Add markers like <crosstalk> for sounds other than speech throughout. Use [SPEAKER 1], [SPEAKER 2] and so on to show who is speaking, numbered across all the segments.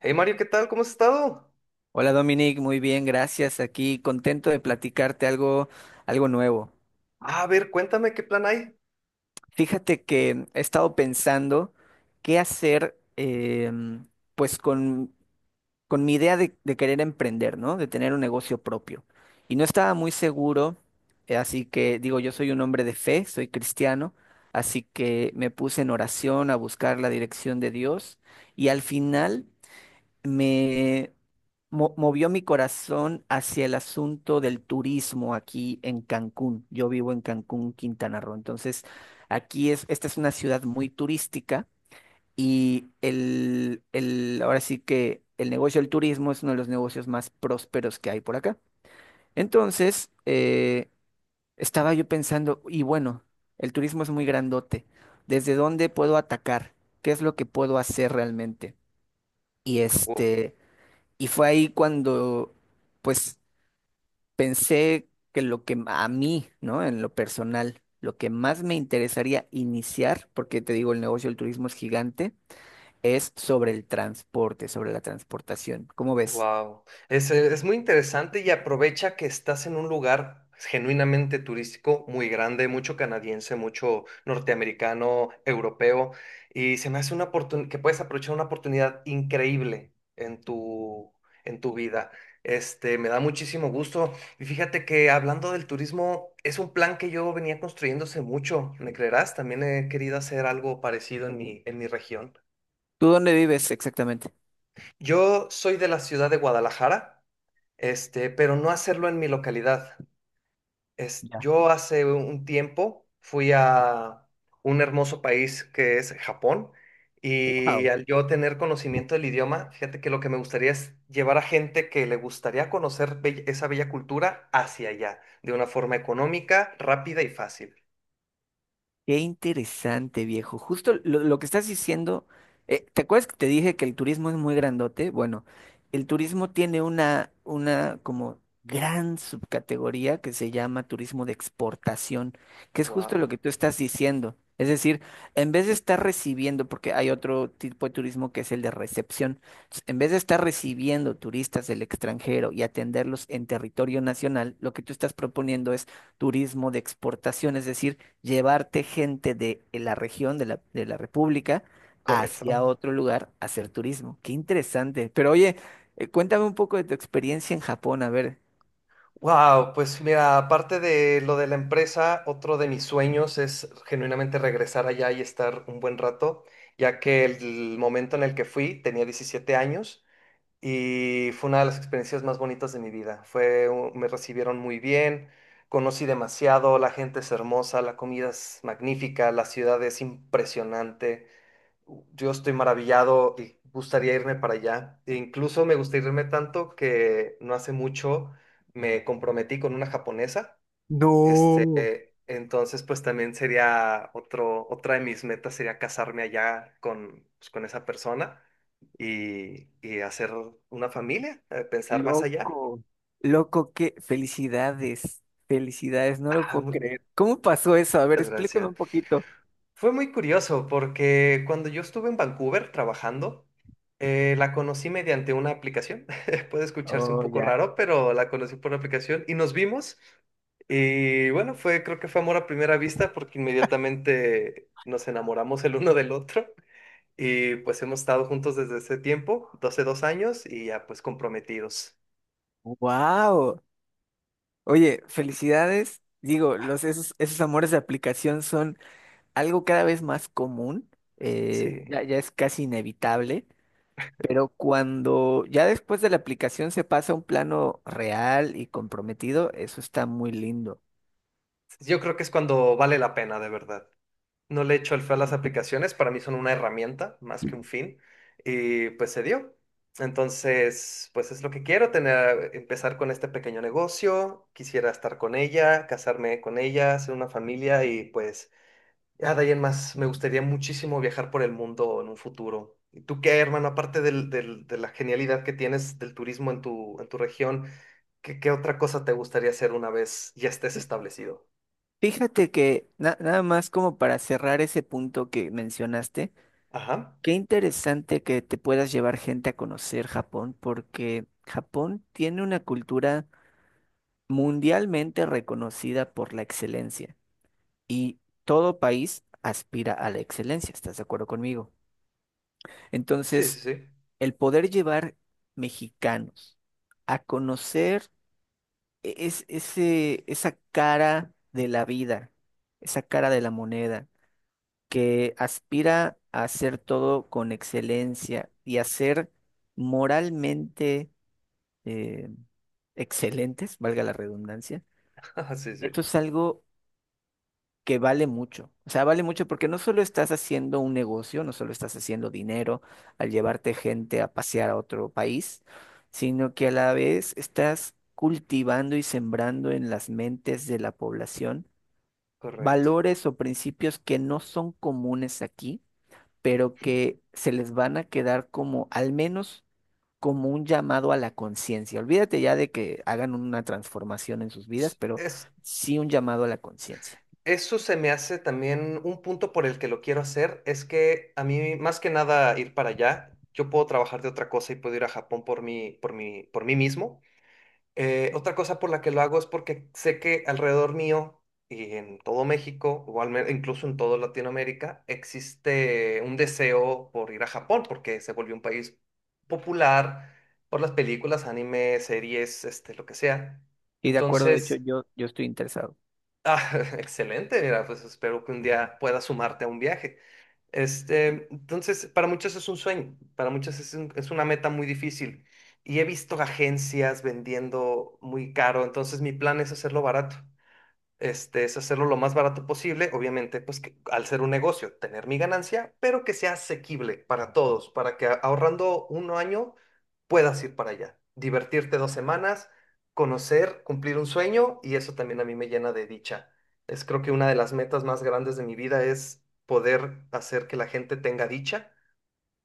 [SPEAKER 1] Hey Mario, ¿qué tal? ¿Cómo has estado?
[SPEAKER 2] Hola Dominic, muy bien, gracias. Aquí contento de platicarte algo, algo nuevo.
[SPEAKER 1] A ver, cuéntame qué plan hay.
[SPEAKER 2] Fíjate que he estado pensando qué hacer, pues con mi idea de querer emprender, ¿no? De tener un negocio propio. Y no estaba muy seguro, así que digo, yo soy un hombre de fe, soy cristiano, así que me puse en oración a buscar la dirección de Dios y al final me movió mi corazón hacia el asunto del turismo aquí en Cancún. Yo vivo en Cancún, Quintana Roo. Entonces, esta es una ciudad muy turística ahora sí que el negocio del turismo es uno de los negocios más prósperos que hay por acá. Entonces, estaba yo pensando, y bueno, el turismo es muy grandote. ¿Desde dónde puedo atacar? ¿Qué es lo que puedo hacer realmente? Y
[SPEAKER 1] O,
[SPEAKER 2] este... Y fue ahí cuando, pues, pensé que lo que a mí, ¿no? En lo personal, lo que más me interesaría iniciar, porque te digo, el negocio del turismo es gigante, es sobre el transporte, sobre la transportación. ¿Cómo ves?
[SPEAKER 1] wow, es muy interesante y aprovecha que estás en un lugar genuinamente turístico muy grande, mucho canadiense, mucho norteamericano, europeo, y se me hace una oportunidad que puedes aprovechar una oportunidad increíble en tu vida. Este, me da muchísimo gusto. Y fíjate que hablando del turismo, es un plan que yo venía construyéndose mucho, ¿me creerás? También he querido hacer algo parecido en mi región.
[SPEAKER 2] ¿Tú dónde vives exactamente?
[SPEAKER 1] Yo soy de la ciudad de Guadalajara, este, pero no hacerlo en mi localidad. Es,
[SPEAKER 2] Ya.
[SPEAKER 1] yo hace un tiempo fui a un hermoso país que es Japón y
[SPEAKER 2] Wow.
[SPEAKER 1] al yo tener conocimiento del idioma, fíjate que lo que me gustaría es llevar a gente que le gustaría conocer esa bella cultura hacia allá, de una forma económica, rápida y fácil.
[SPEAKER 2] Qué interesante, viejo. Justo lo que estás diciendo, ¿te acuerdas que te dije que el turismo es muy grandote? Bueno, el turismo tiene una como gran subcategoría que se llama turismo de exportación, que es justo lo
[SPEAKER 1] Wow,
[SPEAKER 2] que tú estás diciendo. Es decir, en vez de estar recibiendo, porque hay otro tipo de turismo que es el de recepción, entonces, en vez de estar recibiendo turistas del extranjero y atenderlos en territorio nacional, lo que tú estás proponiendo es turismo de exportación, es decir, llevarte gente de la región, de la República, hacia
[SPEAKER 1] correcto.
[SPEAKER 2] otro lugar a hacer turismo. Qué interesante. Pero oye, cuéntame un poco de tu experiencia en Japón. A ver,
[SPEAKER 1] Wow, pues mira, aparte de lo de la empresa, otro de mis sueños es genuinamente regresar allá y estar un buen rato, ya que el momento en el que fui tenía 17 años y fue una de las experiencias más bonitas de mi vida. Fue, me recibieron muy bien, conocí demasiado, la gente es hermosa, la comida es magnífica, la ciudad es impresionante. Yo estoy maravillado y gustaría irme para allá. E incluso me gusta irme tanto que no hace mucho me comprometí con una japonesa. Este, entonces, pues también sería otra de mis metas, sería casarme allá con, pues, con esa persona y hacer una familia, pensar más allá.
[SPEAKER 2] loco, qué felicidades. Felicidades, no lo
[SPEAKER 1] Ah,
[SPEAKER 2] puedo
[SPEAKER 1] muchas
[SPEAKER 2] creer. ¿Cómo pasó eso? A ver, explícame
[SPEAKER 1] gracias.
[SPEAKER 2] un poquito.
[SPEAKER 1] Fue muy curioso porque cuando yo estuve en Vancouver trabajando, la conocí mediante una aplicación. <laughs> Puede escucharse un
[SPEAKER 2] Oh,
[SPEAKER 1] poco
[SPEAKER 2] ya.
[SPEAKER 1] raro, pero la conocí por una aplicación y nos vimos. Y bueno, fue, creo que fue amor a primera vista porque inmediatamente nos enamoramos el uno del otro y pues hemos estado juntos desde ese tiempo, 12 dos años, y ya, pues, comprometidos.
[SPEAKER 2] Wow. Oye, felicidades. Digo, esos amores de aplicación son algo cada vez más común.
[SPEAKER 1] Sí,
[SPEAKER 2] Ya es casi inevitable. Pero cuando ya después de la aplicación se pasa a un plano real y comprometido, eso está muy lindo.
[SPEAKER 1] yo creo que es cuando vale la pena de verdad. No le echo el feo a las aplicaciones, para mí son una herramienta más que un fin, y pues se dio. Entonces, pues es lo que quiero, tener, empezar con este pequeño negocio, quisiera estar con ella, casarme con ella, hacer una familia y pues ya de ahí en más, me gustaría muchísimo viajar por el mundo en un futuro. ¿Y tú qué, hermano, aparte de la genialidad que tienes del turismo en tu región, qué otra cosa te gustaría hacer una vez ya estés establecido?
[SPEAKER 2] Fíjate que nada más como para cerrar ese punto que mencionaste,
[SPEAKER 1] Ajá,
[SPEAKER 2] qué interesante que te puedas llevar gente a conocer Japón, porque Japón tiene una cultura mundialmente reconocida por la excelencia y todo país aspira a la excelencia, ¿estás de acuerdo conmigo?
[SPEAKER 1] sí, sí,
[SPEAKER 2] Entonces,
[SPEAKER 1] sí.
[SPEAKER 2] el poder llevar mexicanos a conocer esa cara de la vida, esa cara de la moneda, que aspira a hacer todo con excelencia y a ser moralmente eh, excelentes, valga la redundancia,
[SPEAKER 1] <laughs> Ajá, sí, sí,
[SPEAKER 2] esto es algo que vale mucho. O sea, vale mucho porque no solo estás haciendo un negocio, no solo estás haciendo dinero al llevarte gente a pasear a otro país, sino que a la vez estás cultivando y sembrando en las mentes de la población
[SPEAKER 1] correcto.
[SPEAKER 2] valores o principios que no son comunes aquí, pero que se les van a quedar como, al menos, como un llamado a la conciencia. Olvídate ya de que hagan una transformación en sus vidas, pero
[SPEAKER 1] Es,
[SPEAKER 2] sí un llamado a la conciencia.
[SPEAKER 1] eso se me hace también un punto por el que lo quiero hacer, es que a mí más que nada ir para allá, yo puedo trabajar de otra cosa y puedo ir a Japón por mí, por mí mismo. Otra cosa por la que lo hago es porque sé que alrededor mío y en todo México, o al menos incluso en toda Latinoamérica, existe un deseo por ir a Japón porque se volvió un país popular por las películas, anime, series, este, lo que sea.
[SPEAKER 2] Y de acuerdo, de hecho,
[SPEAKER 1] Entonces…
[SPEAKER 2] yo estoy interesado.
[SPEAKER 1] Ah, <laughs> excelente, mira, pues espero que un día puedas sumarte a un viaje. Este, entonces, para muchos es un sueño, para muchos es es una meta muy difícil. Y he visto agencias vendiendo muy caro, entonces mi plan es hacerlo barato. Este, es hacerlo lo más barato posible, obviamente, pues que, al ser un negocio, tener mi ganancia, pero que sea asequible para todos, para que ahorrando un año puedas ir para allá, divertirte dos semanas, conocer, cumplir un sueño y eso también a mí me llena de dicha. Es, creo que una de las metas más grandes de mi vida es poder hacer que la gente tenga dicha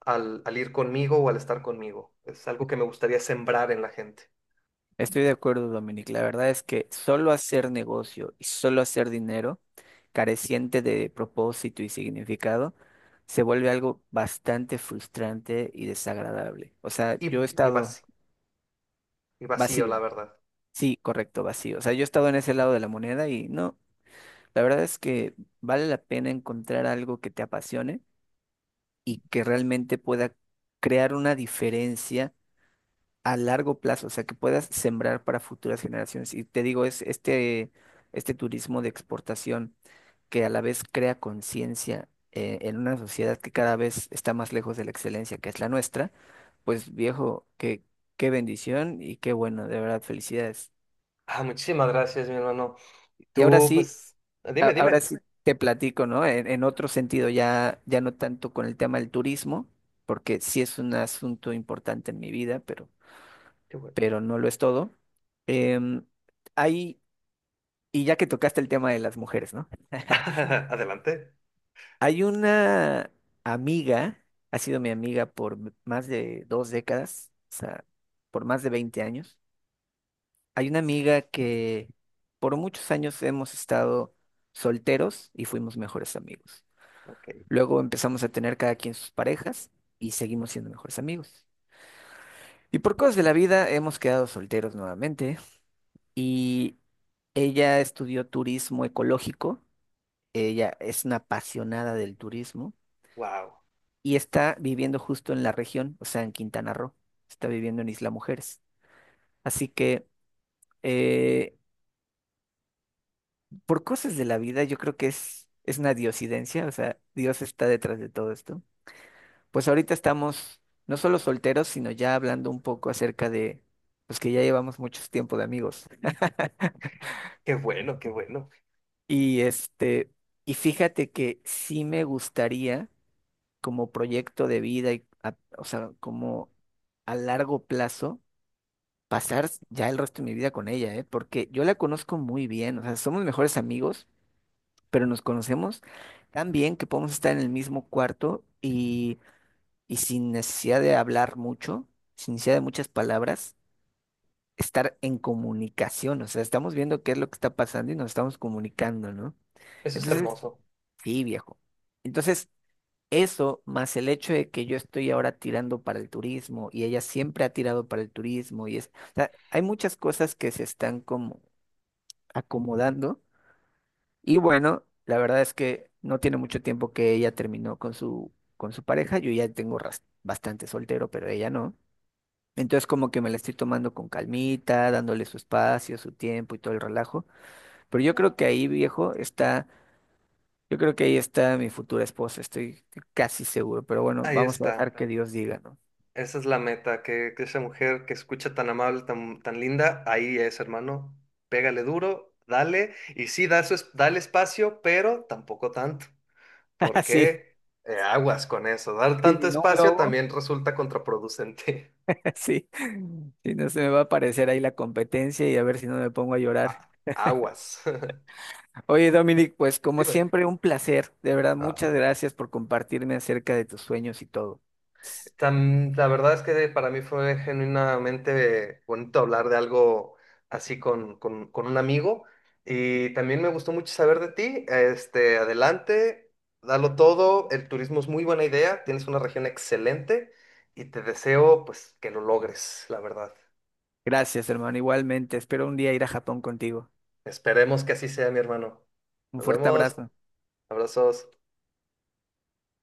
[SPEAKER 1] al, al ir conmigo o al estar conmigo. Es algo que me gustaría sembrar en la gente.
[SPEAKER 2] Estoy de acuerdo, Dominic. La verdad es que solo hacer negocio y solo hacer dinero, careciente de propósito y significado, se vuelve algo bastante frustrante y desagradable. O sea,
[SPEAKER 1] Y,
[SPEAKER 2] yo he
[SPEAKER 1] y
[SPEAKER 2] estado
[SPEAKER 1] vac- y vacío,
[SPEAKER 2] vacío.
[SPEAKER 1] la verdad.
[SPEAKER 2] Sí, correcto, vacío. O sea, yo he estado en ese lado de la moneda y no, la verdad es que vale la pena encontrar algo que te apasione y que realmente pueda crear una diferencia a largo plazo, o sea, que puedas sembrar para futuras generaciones. Y te digo, este turismo de exportación que a la vez crea conciencia en una sociedad que cada vez está más lejos de la excelencia, que es la nuestra, pues viejo, qué, qué bendición y qué bueno, de verdad, felicidades.
[SPEAKER 1] Ah, muchísimas gracias, mi hermano. Y
[SPEAKER 2] Y ahora
[SPEAKER 1] tú,
[SPEAKER 2] sí,
[SPEAKER 1] pues, dime,
[SPEAKER 2] ahora
[SPEAKER 1] dime.
[SPEAKER 2] sí te platico, ¿no? En otro sentido, ya no tanto con el tema del turismo, porque sí es un asunto importante en mi vida,
[SPEAKER 1] Qué bueno.
[SPEAKER 2] pero no lo es todo. Em, hay y ya que tocaste el tema de las mujeres, ¿no?
[SPEAKER 1] <laughs> Adelante.
[SPEAKER 2] Hay una amiga, ha sido mi amiga por más de 2 décadas, o sea, por más de 20 años. Hay una amiga que por muchos años hemos estado solteros y fuimos mejores amigos.
[SPEAKER 1] Ok.
[SPEAKER 2] Luego empezamos a tener cada quien sus parejas y seguimos siendo mejores amigos. Y por cosas de la vida hemos quedado solteros nuevamente y ella estudió turismo ecológico. Ella es una apasionada del turismo
[SPEAKER 1] Wow.
[SPEAKER 2] y está viviendo justo en la región, o sea, en Quintana Roo, está viviendo en Isla Mujeres. Así que, eh, por cosas de la vida, yo creo que es una diosidencia, o sea, Dios está detrás de todo esto. Pues ahorita estamos no solo solteros, sino ya hablando un poco acerca de, pues que ya llevamos mucho tiempo de amigos.
[SPEAKER 1] Qué bueno, qué bueno.
[SPEAKER 2] Y este, y fíjate que sí me gustaría como proyecto de vida o sea, como a largo plazo pasar ya el resto de mi vida con ella, ¿eh? Porque yo la conozco muy bien, o sea, somos mejores amigos, pero nos conocemos tan bien que podemos estar en el mismo cuarto y sin necesidad de hablar mucho, sin necesidad de muchas palabras, estar en comunicación, o sea, estamos viendo qué es lo que está pasando y nos estamos comunicando, ¿no?
[SPEAKER 1] Eso es
[SPEAKER 2] Entonces,
[SPEAKER 1] hermoso.
[SPEAKER 2] sí, viejo. Entonces, eso, más el hecho de que yo estoy ahora tirando para el turismo y ella siempre ha tirado para el turismo y es, o sea, hay muchas cosas que se están como acomodando y bueno, la verdad es que no tiene mucho tiempo que ella terminó con su pareja, yo ya tengo bastante soltero, pero ella no. Entonces como que me la estoy tomando con calmita, dándole su espacio, su tiempo y todo el relajo, pero yo creo que ahí, viejo, está yo creo que ahí está mi futura esposa, estoy casi seguro, pero bueno,
[SPEAKER 1] Ahí
[SPEAKER 2] vamos a dejar
[SPEAKER 1] está.
[SPEAKER 2] que Dios diga, ¿no?
[SPEAKER 1] Esa es la meta, que esa mujer que escucha tan amable, tan, tan linda, ahí es, hermano. Pégale duro, dale. Y sí, da dale espacio, pero tampoco tanto.
[SPEAKER 2] <laughs> Sí,
[SPEAKER 1] Porque aguas con eso. Dar
[SPEAKER 2] sí,
[SPEAKER 1] tanto
[SPEAKER 2] si no un
[SPEAKER 1] espacio
[SPEAKER 2] lobo,
[SPEAKER 1] también resulta contraproducente.
[SPEAKER 2] <laughs> sí, si no se me va a aparecer ahí la competencia y a ver si no me pongo a
[SPEAKER 1] <laughs>
[SPEAKER 2] llorar.
[SPEAKER 1] Aguas.
[SPEAKER 2] Oye, Dominic, pues
[SPEAKER 1] <laughs>
[SPEAKER 2] como
[SPEAKER 1] Dime.
[SPEAKER 2] siempre, un placer, de verdad, muchas gracias por compartirme acerca de tus sueños y todo.
[SPEAKER 1] La verdad es que para mí fue genuinamente bonito hablar de algo así con un amigo y también me gustó mucho saber de ti. Este, adelante, dalo todo, el turismo es muy buena idea, tienes una región excelente y te deseo, pues, que lo logres, la verdad.
[SPEAKER 2] Gracias, hermano, igualmente, espero un día ir a Japón contigo.
[SPEAKER 1] Esperemos que así sea, mi hermano.
[SPEAKER 2] Un
[SPEAKER 1] Nos
[SPEAKER 2] fuerte
[SPEAKER 1] vemos,
[SPEAKER 2] abrazo.
[SPEAKER 1] abrazos.